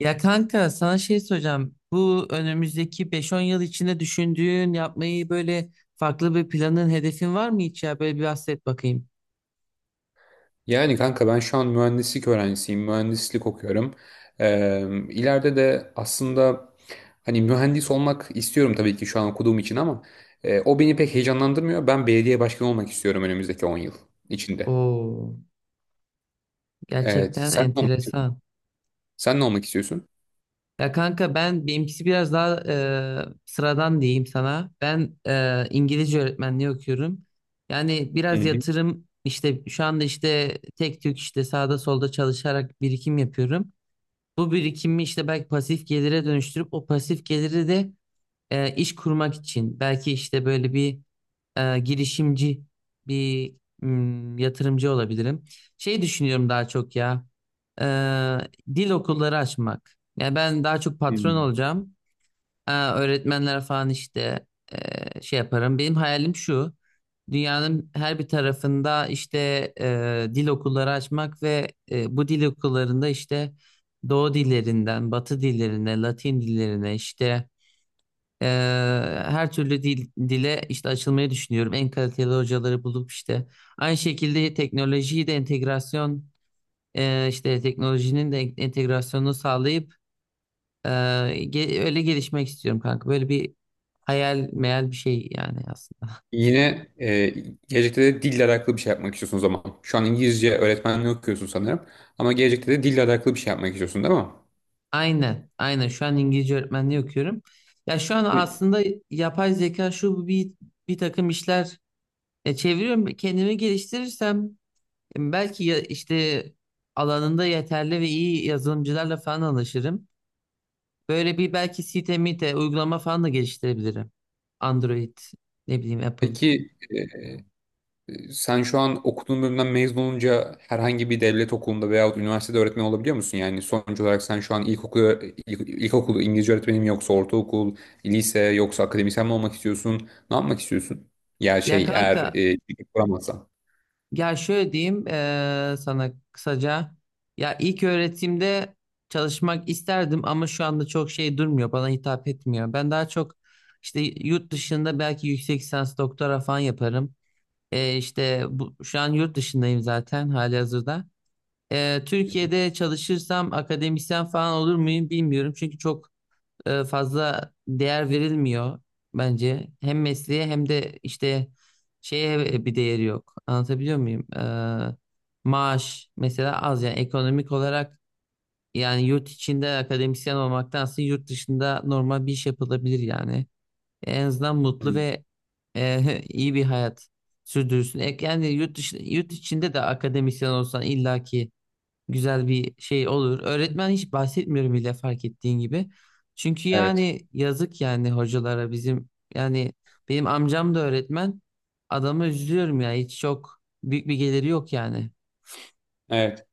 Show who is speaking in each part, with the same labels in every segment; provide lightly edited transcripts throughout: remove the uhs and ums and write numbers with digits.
Speaker 1: Ya kanka sana şey soracağım. Bu önümüzdeki beş-on yıl içinde düşündüğün yapmayı böyle farklı bir planın, hedefin var mı hiç ya? Böyle bir bahset bakayım.
Speaker 2: Yani kanka ben şu an mühendislik öğrencisiyim, mühendislik okuyorum. Ee, ileride de aslında hani mühendis olmak istiyorum tabii ki şu an okuduğum için ama o beni pek heyecanlandırmıyor. Ben belediye başkanı olmak istiyorum önümüzdeki 10 yıl içinde.
Speaker 1: Oo,
Speaker 2: Evet,
Speaker 1: gerçekten
Speaker 2: sen ne olmak istiyorsun?
Speaker 1: enteresan.
Speaker 2: Sen ne olmak istiyorsun?
Speaker 1: Ya kanka ben benimkisi biraz daha sıradan diyeyim sana. Ben İngilizce öğretmenliği okuyorum. Yani
Speaker 2: Hı
Speaker 1: biraz
Speaker 2: hı.
Speaker 1: yatırım işte şu anda işte tek tük işte sağda solda çalışarak birikim yapıyorum. Bu birikimi işte belki pasif gelire dönüştürüp o pasif geliri de iş kurmak için belki işte böyle bir girişimci bir yatırımcı olabilirim. Şey düşünüyorum daha çok ya e, dil okulları açmak. Yani ben daha çok patron
Speaker 2: Hmm.
Speaker 1: olacağım. Öğretmenler falan işte şey yaparım. Benim hayalim şu. Dünyanın her bir tarafında işte dil okulları açmak ve bu dil okullarında işte Doğu dillerinden, Batı dillerine, Latin dillerine işte ee, her türlü dil, dile işte açılmayı düşünüyorum. En kaliteli hocaları bulup işte aynı şekilde teknolojiyi de entegrasyon işte teknolojinin de entegrasyonunu sağlayıp e, öyle gelişmek istiyorum kanka. Böyle bir hayal meyal bir şey yani aslında.
Speaker 2: Yine gelecekte de dille alakalı bir şey yapmak istiyorsun o zaman. Şu an İngilizce öğretmenliği okuyorsun sanırım. Ama gelecekte de dille alakalı bir şey yapmak istiyorsun değil mi?
Speaker 1: Aynen, aynen. Şu an İngilizce öğretmenliği okuyorum. Ya şu an
Speaker 2: Pe-
Speaker 1: aslında yapay zeka şu bu bir takım işler çeviriyorum. Kendimi geliştirirsem belki işte alanında yeterli ve iyi yazılımcılarla falan anlaşırım. Böyle bir belki site mite uygulama falan da geliştirebilirim. Android ne bileyim Apple.
Speaker 2: Peki sen şu an okuduğun bölümden mezun olunca herhangi bir devlet okulunda veyahut üniversitede öğretmen olabiliyor musun? Yani sonuç olarak sen şu an ilkokul, ilkokul İngilizce öğretmeni mi yoksa ortaokul, lise yoksa akademisyen mi olmak istiyorsun? Ne yapmak istiyorsun? Ya
Speaker 1: Ya
Speaker 2: şey eğer
Speaker 1: kanka
Speaker 2: ceket kuramazsan.
Speaker 1: ya şöyle diyeyim sana kısaca. Ya ilk öğretimde çalışmak isterdim ama şu anda çok şey durmuyor bana hitap etmiyor. Ben daha çok işte yurt dışında belki yüksek lisans doktora falan yaparım. İşte şu an yurt dışındayım zaten halihazırda. Türkiye'de çalışırsam akademisyen falan olur muyum bilmiyorum. Çünkü çok fazla değer verilmiyor bence. Hem mesleğe hem de işte şeye bir değeri yok. Anlatabiliyor muyum? Maaş mesela az yani ekonomik olarak yani yurt içinde akademisyen olmaktansa yurt dışında normal bir iş yapılabilir yani. En azından mutlu
Speaker 2: Hı.
Speaker 1: ve iyi bir hayat sürdürürsün. Yani yurt dışı, yurt içinde de akademisyen olsan illaki güzel bir şey olur. Öğretmen hiç bahsetmiyorum bile fark ettiğin gibi. Çünkü
Speaker 2: Evet.
Speaker 1: yani yazık yani hocalara bizim yani benim amcam da öğretmen. Adamı üzülüyorum ya hiç çok büyük bir geliri yok yani.
Speaker 2: Evet.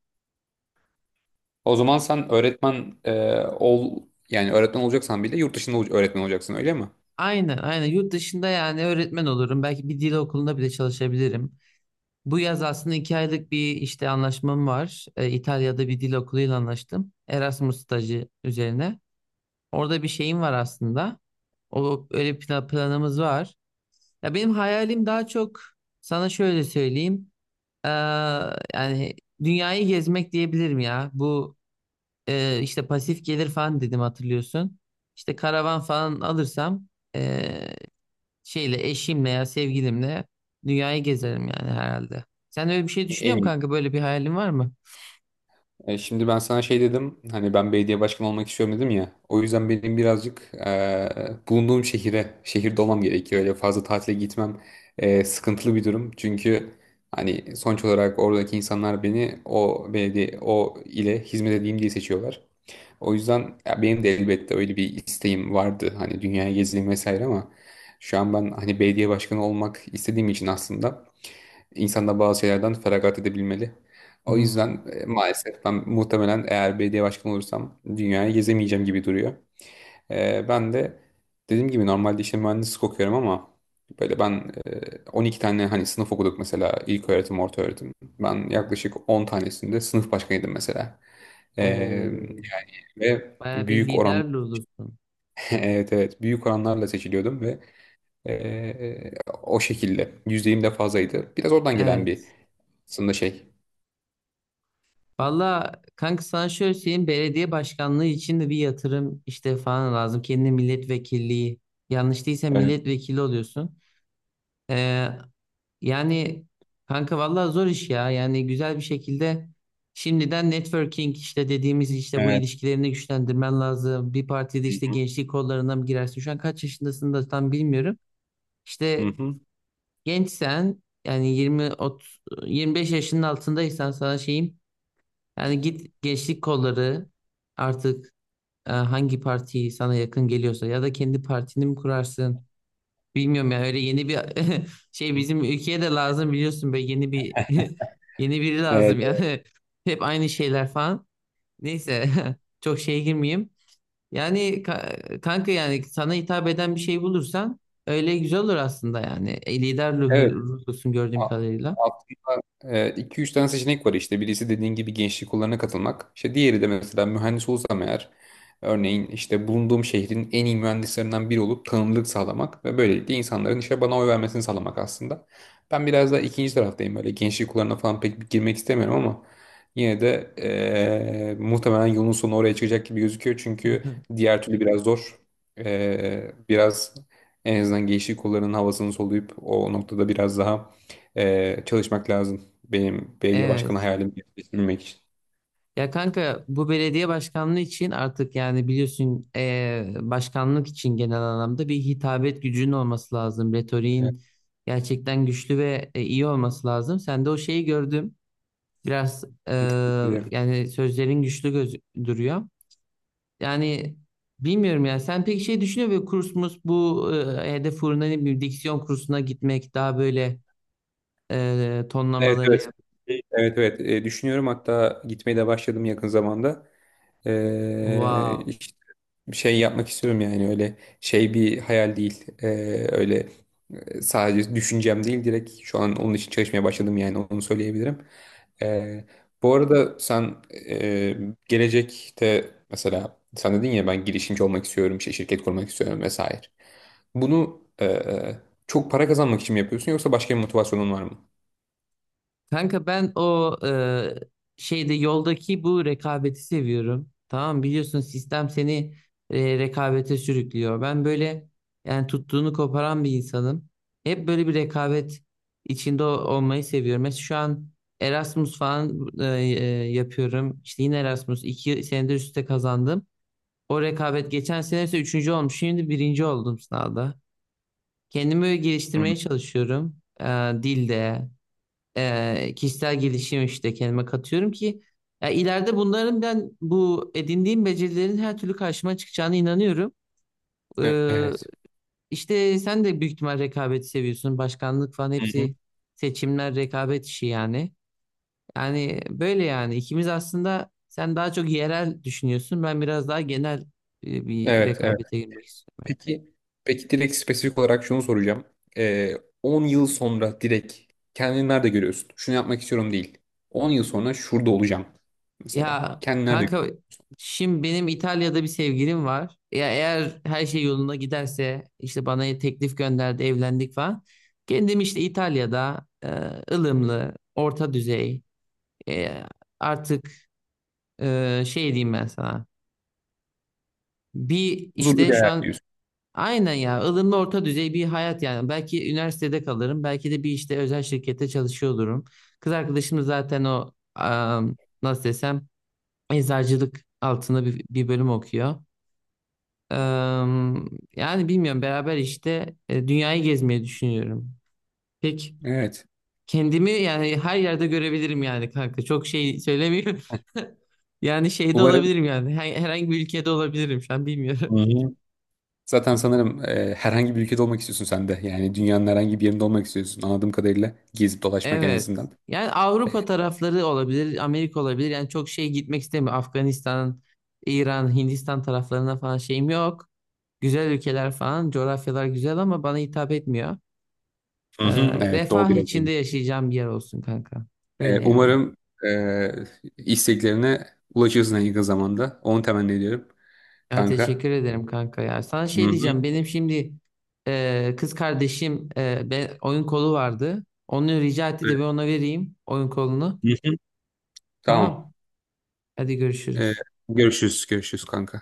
Speaker 2: O zaman sen öğretmen ol yani öğretmen olacaksan bile yurt dışında öğretmen olacaksın öyle mi?
Speaker 1: Aynen aynen yurt dışında yani öğretmen olurum. Belki bir dil okulunda bile çalışabilirim. Bu yaz aslında iki aylık bir işte anlaşmam var. İtalya'da bir dil okuluyla anlaştım. Erasmus stajı üzerine. Orada bir şeyim var aslında. O öyle planımız var. Ya benim hayalim daha çok sana şöyle söyleyeyim. Eee, yani dünyayı gezmek diyebilirim ya. Bu işte pasif gelir falan dedim hatırlıyorsun. İşte karavan falan alırsam eee, şeyle eşimle ya sevgilimle dünyayı gezerim yani herhalde. Sen öyle bir şey düşünüyor
Speaker 2: En
Speaker 1: musun
Speaker 2: iyi.
Speaker 1: kanka? Böyle bir hayalin var mı?
Speaker 2: Şimdi ben sana şey dedim hani ben belediye başkanı olmak istiyorum dedim ya, o yüzden benim birazcık bulunduğum şehire şehirde olmam gerekiyor, öyle fazla tatile gitmem sıkıntılı bir durum çünkü hani sonuç olarak oradaki insanlar beni o belediye ile hizmet edeyim diye seçiyorlar. O yüzden ya benim de elbette öyle bir isteğim vardı. Hani dünyaya gezeyim vesaire ama şu an ben hani belediye başkanı olmak istediğim için aslında insan da bazı şeylerden feragat edebilmeli. O yüzden
Speaker 1: Hmm.
Speaker 2: maalesef ben muhtemelen eğer belediye başkanı olursam dünyayı gezemeyeceğim gibi duruyor. Ben de dediğim gibi normalde işte mühendislik okuyorum ama böyle ben 12 tane hani sınıf okuduk mesela ilköğretim, ortaöğretim. Ben yaklaşık 10 tanesinde sınıf başkanıydım mesela. E,
Speaker 1: Oo.
Speaker 2: ve
Speaker 1: Bayağı bir
Speaker 2: büyük
Speaker 1: lider
Speaker 2: oran
Speaker 1: olursun.
Speaker 2: evet evet büyük oranlarla seçiliyordum ve eee, o şekilde yüzdeyim de fazlaydı. Biraz oradan gelen bir
Speaker 1: Evet.
Speaker 2: aslında şey.
Speaker 1: Valla kanka sana şöyle söyleyeyim belediye başkanlığı için de bir yatırım işte falan lazım. Kendine milletvekilliği yanlış değilse
Speaker 2: Evet.
Speaker 1: milletvekili oluyorsun. Ee, yani kanka valla zor iş ya yani güzel bir şekilde şimdiden networking işte dediğimiz işte bu
Speaker 2: Evet.
Speaker 1: ilişkilerini güçlendirmen lazım. Bir partide işte gençlik kollarına mı girersin şu an kaç yaşındasın da tam bilmiyorum. İşte
Speaker 2: Hı.
Speaker 1: gençsen yani 25 yaşının altındaysan sana şeyim yani git gençlik kolları artık hangi parti sana yakın geliyorsa ya da kendi partini mi kurarsın? Bilmiyorum ya öyle yeni bir şey
Speaker 2: Hı.
Speaker 1: bizim ülkeye de lazım biliyorsun be yeni bir yeni biri
Speaker 2: Evet.
Speaker 1: lazım yani. Hep aynı şeyler falan. Neyse çok şeye girmeyeyim. Yani kanka yani sana hitap eden bir şey bulursan öyle güzel olur aslında yani. E, lider
Speaker 2: Evet.
Speaker 1: ruhlusun gördüğüm
Speaker 2: A-
Speaker 1: kadarıyla.
Speaker 2: Aslında 2-3 tane seçenek var işte. Birisi dediğin gibi gençlik kollarına katılmak. İşte diğeri de mesela mühendis olsam eğer örneğin işte bulunduğum şehrin en iyi mühendislerinden biri olup tanınırlık sağlamak ve böylelikle insanların işte bana oy vermesini sağlamak aslında. Ben biraz daha ikinci taraftayım, böyle gençlik kollarına falan pek girmek istemiyorum ama yine de muhtemelen yolun sonu oraya çıkacak gibi gözüküyor. Çünkü diğer türlü biraz zor. Biraz en azından gençlik kollarının havasını soluyup o noktada biraz daha çalışmak lazım. Benim belediye başkanı
Speaker 1: Evet.
Speaker 2: hayalimi gerçekleştirmek için.
Speaker 1: Ya kanka bu belediye başkanlığı için artık yani biliyorsun başkanlık için genel anlamda bir hitabet gücünün olması lazım.
Speaker 2: Evet,
Speaker 1: Retoriğin gerçekten güçlü ve iyi olması lazım. Sen de o şeyi gördüm. Biraz
Speaker 2: teşekkür ederim.
Speaker 1: yani sözlerin güçlü göz duruyor. Yani bilmiyorum ya sen pek şey düşünüyor musun? Kurs mus bu hedef uğruna ne bileyim diksiyon kursuna gitmek daha böyle
Speaker 2: Evet
Speaker 1: tonlamaları
Speaker 2: evet.
Speaker 1: yap.
Speaker 2: Evet evet. Düşünüyorum, hatta gitmeye de başladım yakın zamanda. E,
Speaker 1: Wow.
Speaker 2: Bir şey yapmak istiyorum yani öyle şey bir hayal değil. Öyle sadece düşüncem değil, direkt şu an onun için çalışmaya başladım, yani onu söyleyebilirim. Ee, Bu arada sen gelecekte mesela sen dedin ya, ben girişimci olmak istiyorum, işte şirket kurmak istiyorum vesaire. Bunu çok para kazanmak için mi yapıyorsun yoksa başka bir motivasyonun var mı?
Speaker 1: Kanka ben o şeyde yoldaki bu rekabeti seviyorum. Tamam biliyorsun sistem seni rekabete sürüklüyor. Ben böyle yani tuttuğunu koparan bir insanım. Hep böyle bir rekabet içinde olmayı seviyorum. Mesela şu an Erasmus falan yapıyorum. İşte yine Erasmus iki senedir üstte kazandım. O rekabet geçen sene ise üçüncü olmuş. Şimdi birinci oldum sınavda. Kendimi böyle
Speaker 2: Hı.
Speaker 1: geliştirmeye çalışıyorum. Dilde kişisel gelişim işte kendime katıyorum ki ya ileride bunların ben bu edindiğim becerilerin her türlü karşıma çıkacağına inanıyorum. Ee,
Speaker 2: Evet.
Speaker 1: işte sen de büyük ihtimal rekabeti seviyorsun. Başkanlık falan
Speaker 2: Hı hı.
Speaker 1: hepsi seçimler rekabet işi yani. Yani böyle yani ikimiz aslında sen daha çok yerel düşünüyorsun. Ben biraz daha genel bir
Speaker 2: Evet,
Speaker 1: rekabete girmek istiyorum.
Speaker 2: peki, peki direkt spesifik olarak şunu soracağım. Ee, 10 yıl sonra direkt kendini nerede görüyorsun? Şunu yapmak istiyorum değil. 10 yıl sonra şurada olacağım mesela.
Speaker 1: Ya
Speaker 2: Kendini nerede
Speaker 1: kanka
Speaker 2: görüyorsun?
Speaker 1: şimdi benim İtalya'da bir sevgilim var. Ya eğer her şey yolunda giderse işte bana teklif gönderdi, evlendik falan. Kendim işte İtalya'da ılımlı, orta düzey e, artık şey diyeyim ben sana. Bir
Speaker 2: Huzurlu
Speaker 1: işte
Speaker 2: bir
Speaker 1: şu
Speaker 2: hayat
Speaker 1: an
Speaker 2: diyorsun.
Speaker 1: aynen ya ılımlı orta düzey bir hayat yani. Belki üniversitede kalırım, belki de bir işte özel şirkette çalışıyor olurum. Kız arkadaşım da zaten o nasıl desem eczacılık altında bir bölüm okuyor. Eee, yani bilmiyorum beraber işte dünyayı gezmeyi düşünüyorum. Pek
Speaker 2: Evet.
Speaker 1: kendimi yani her yerde görebilirim yani kanka. Çok şey söylemiyorum. Yani şeyde
Speaker 2: Umarım.
Speaker 1: olabilirim yani. Herhangi bir ülkede olabilirim şu an bilmiyorum.
Speaker 2: Hı-hı. Zaten sanırım herhangi bir ülkede olmak istiyorsun sen de. Yani dünyanın herhangi bir yerinde olmak istiyorsun. Anladığım kadarıyla gezip dolaşmak en
Speaker 1: Evet.
Speaker 2: azından.
Speaker 1: Yani Avrupa tarafları olabilir, Amerika olabilir. Yani çok şey gitmek istemiyorum. Afganistan, İran, Hindistan taraflarına falan şeyim yok. Güzel ülkeler falan, coğrafyalar güzel ama bana hitap etmiyor.
Speaker 2: Hı-hı.
Speaker 1: Ee,
Speaker 2: Evet, doğu
Speaker 1: refah
Speaker 2: biraz öyle.
Speaker 1: içinde yaşayacağım bir yer olsun kanka. Öyle yani.
Speaker 2: Umarım e, isteklerine ulaşırsın en yakın zamanda. Onu temenni ediyorum
Speaker 1: Ya
Speaker 2: kanka.
Speaker 1: teşekkür ederim kanka ya. Sana şey
Speaker 2: Hı-hı.
Speaker 1: diyeceğim. Benim şimdi kız kardeşim oyun kolu vardı. Onu rica etti de ben ona vereyim oyun kolunu.
Speaker 2: Hı hı. Tamam.
Speaker 1: Tamam. Hadi
Speaker 2: Ee,
Speaker 1: görüşürüz.
Speaker 2: Görüşürüz. Görüşürüz kanka.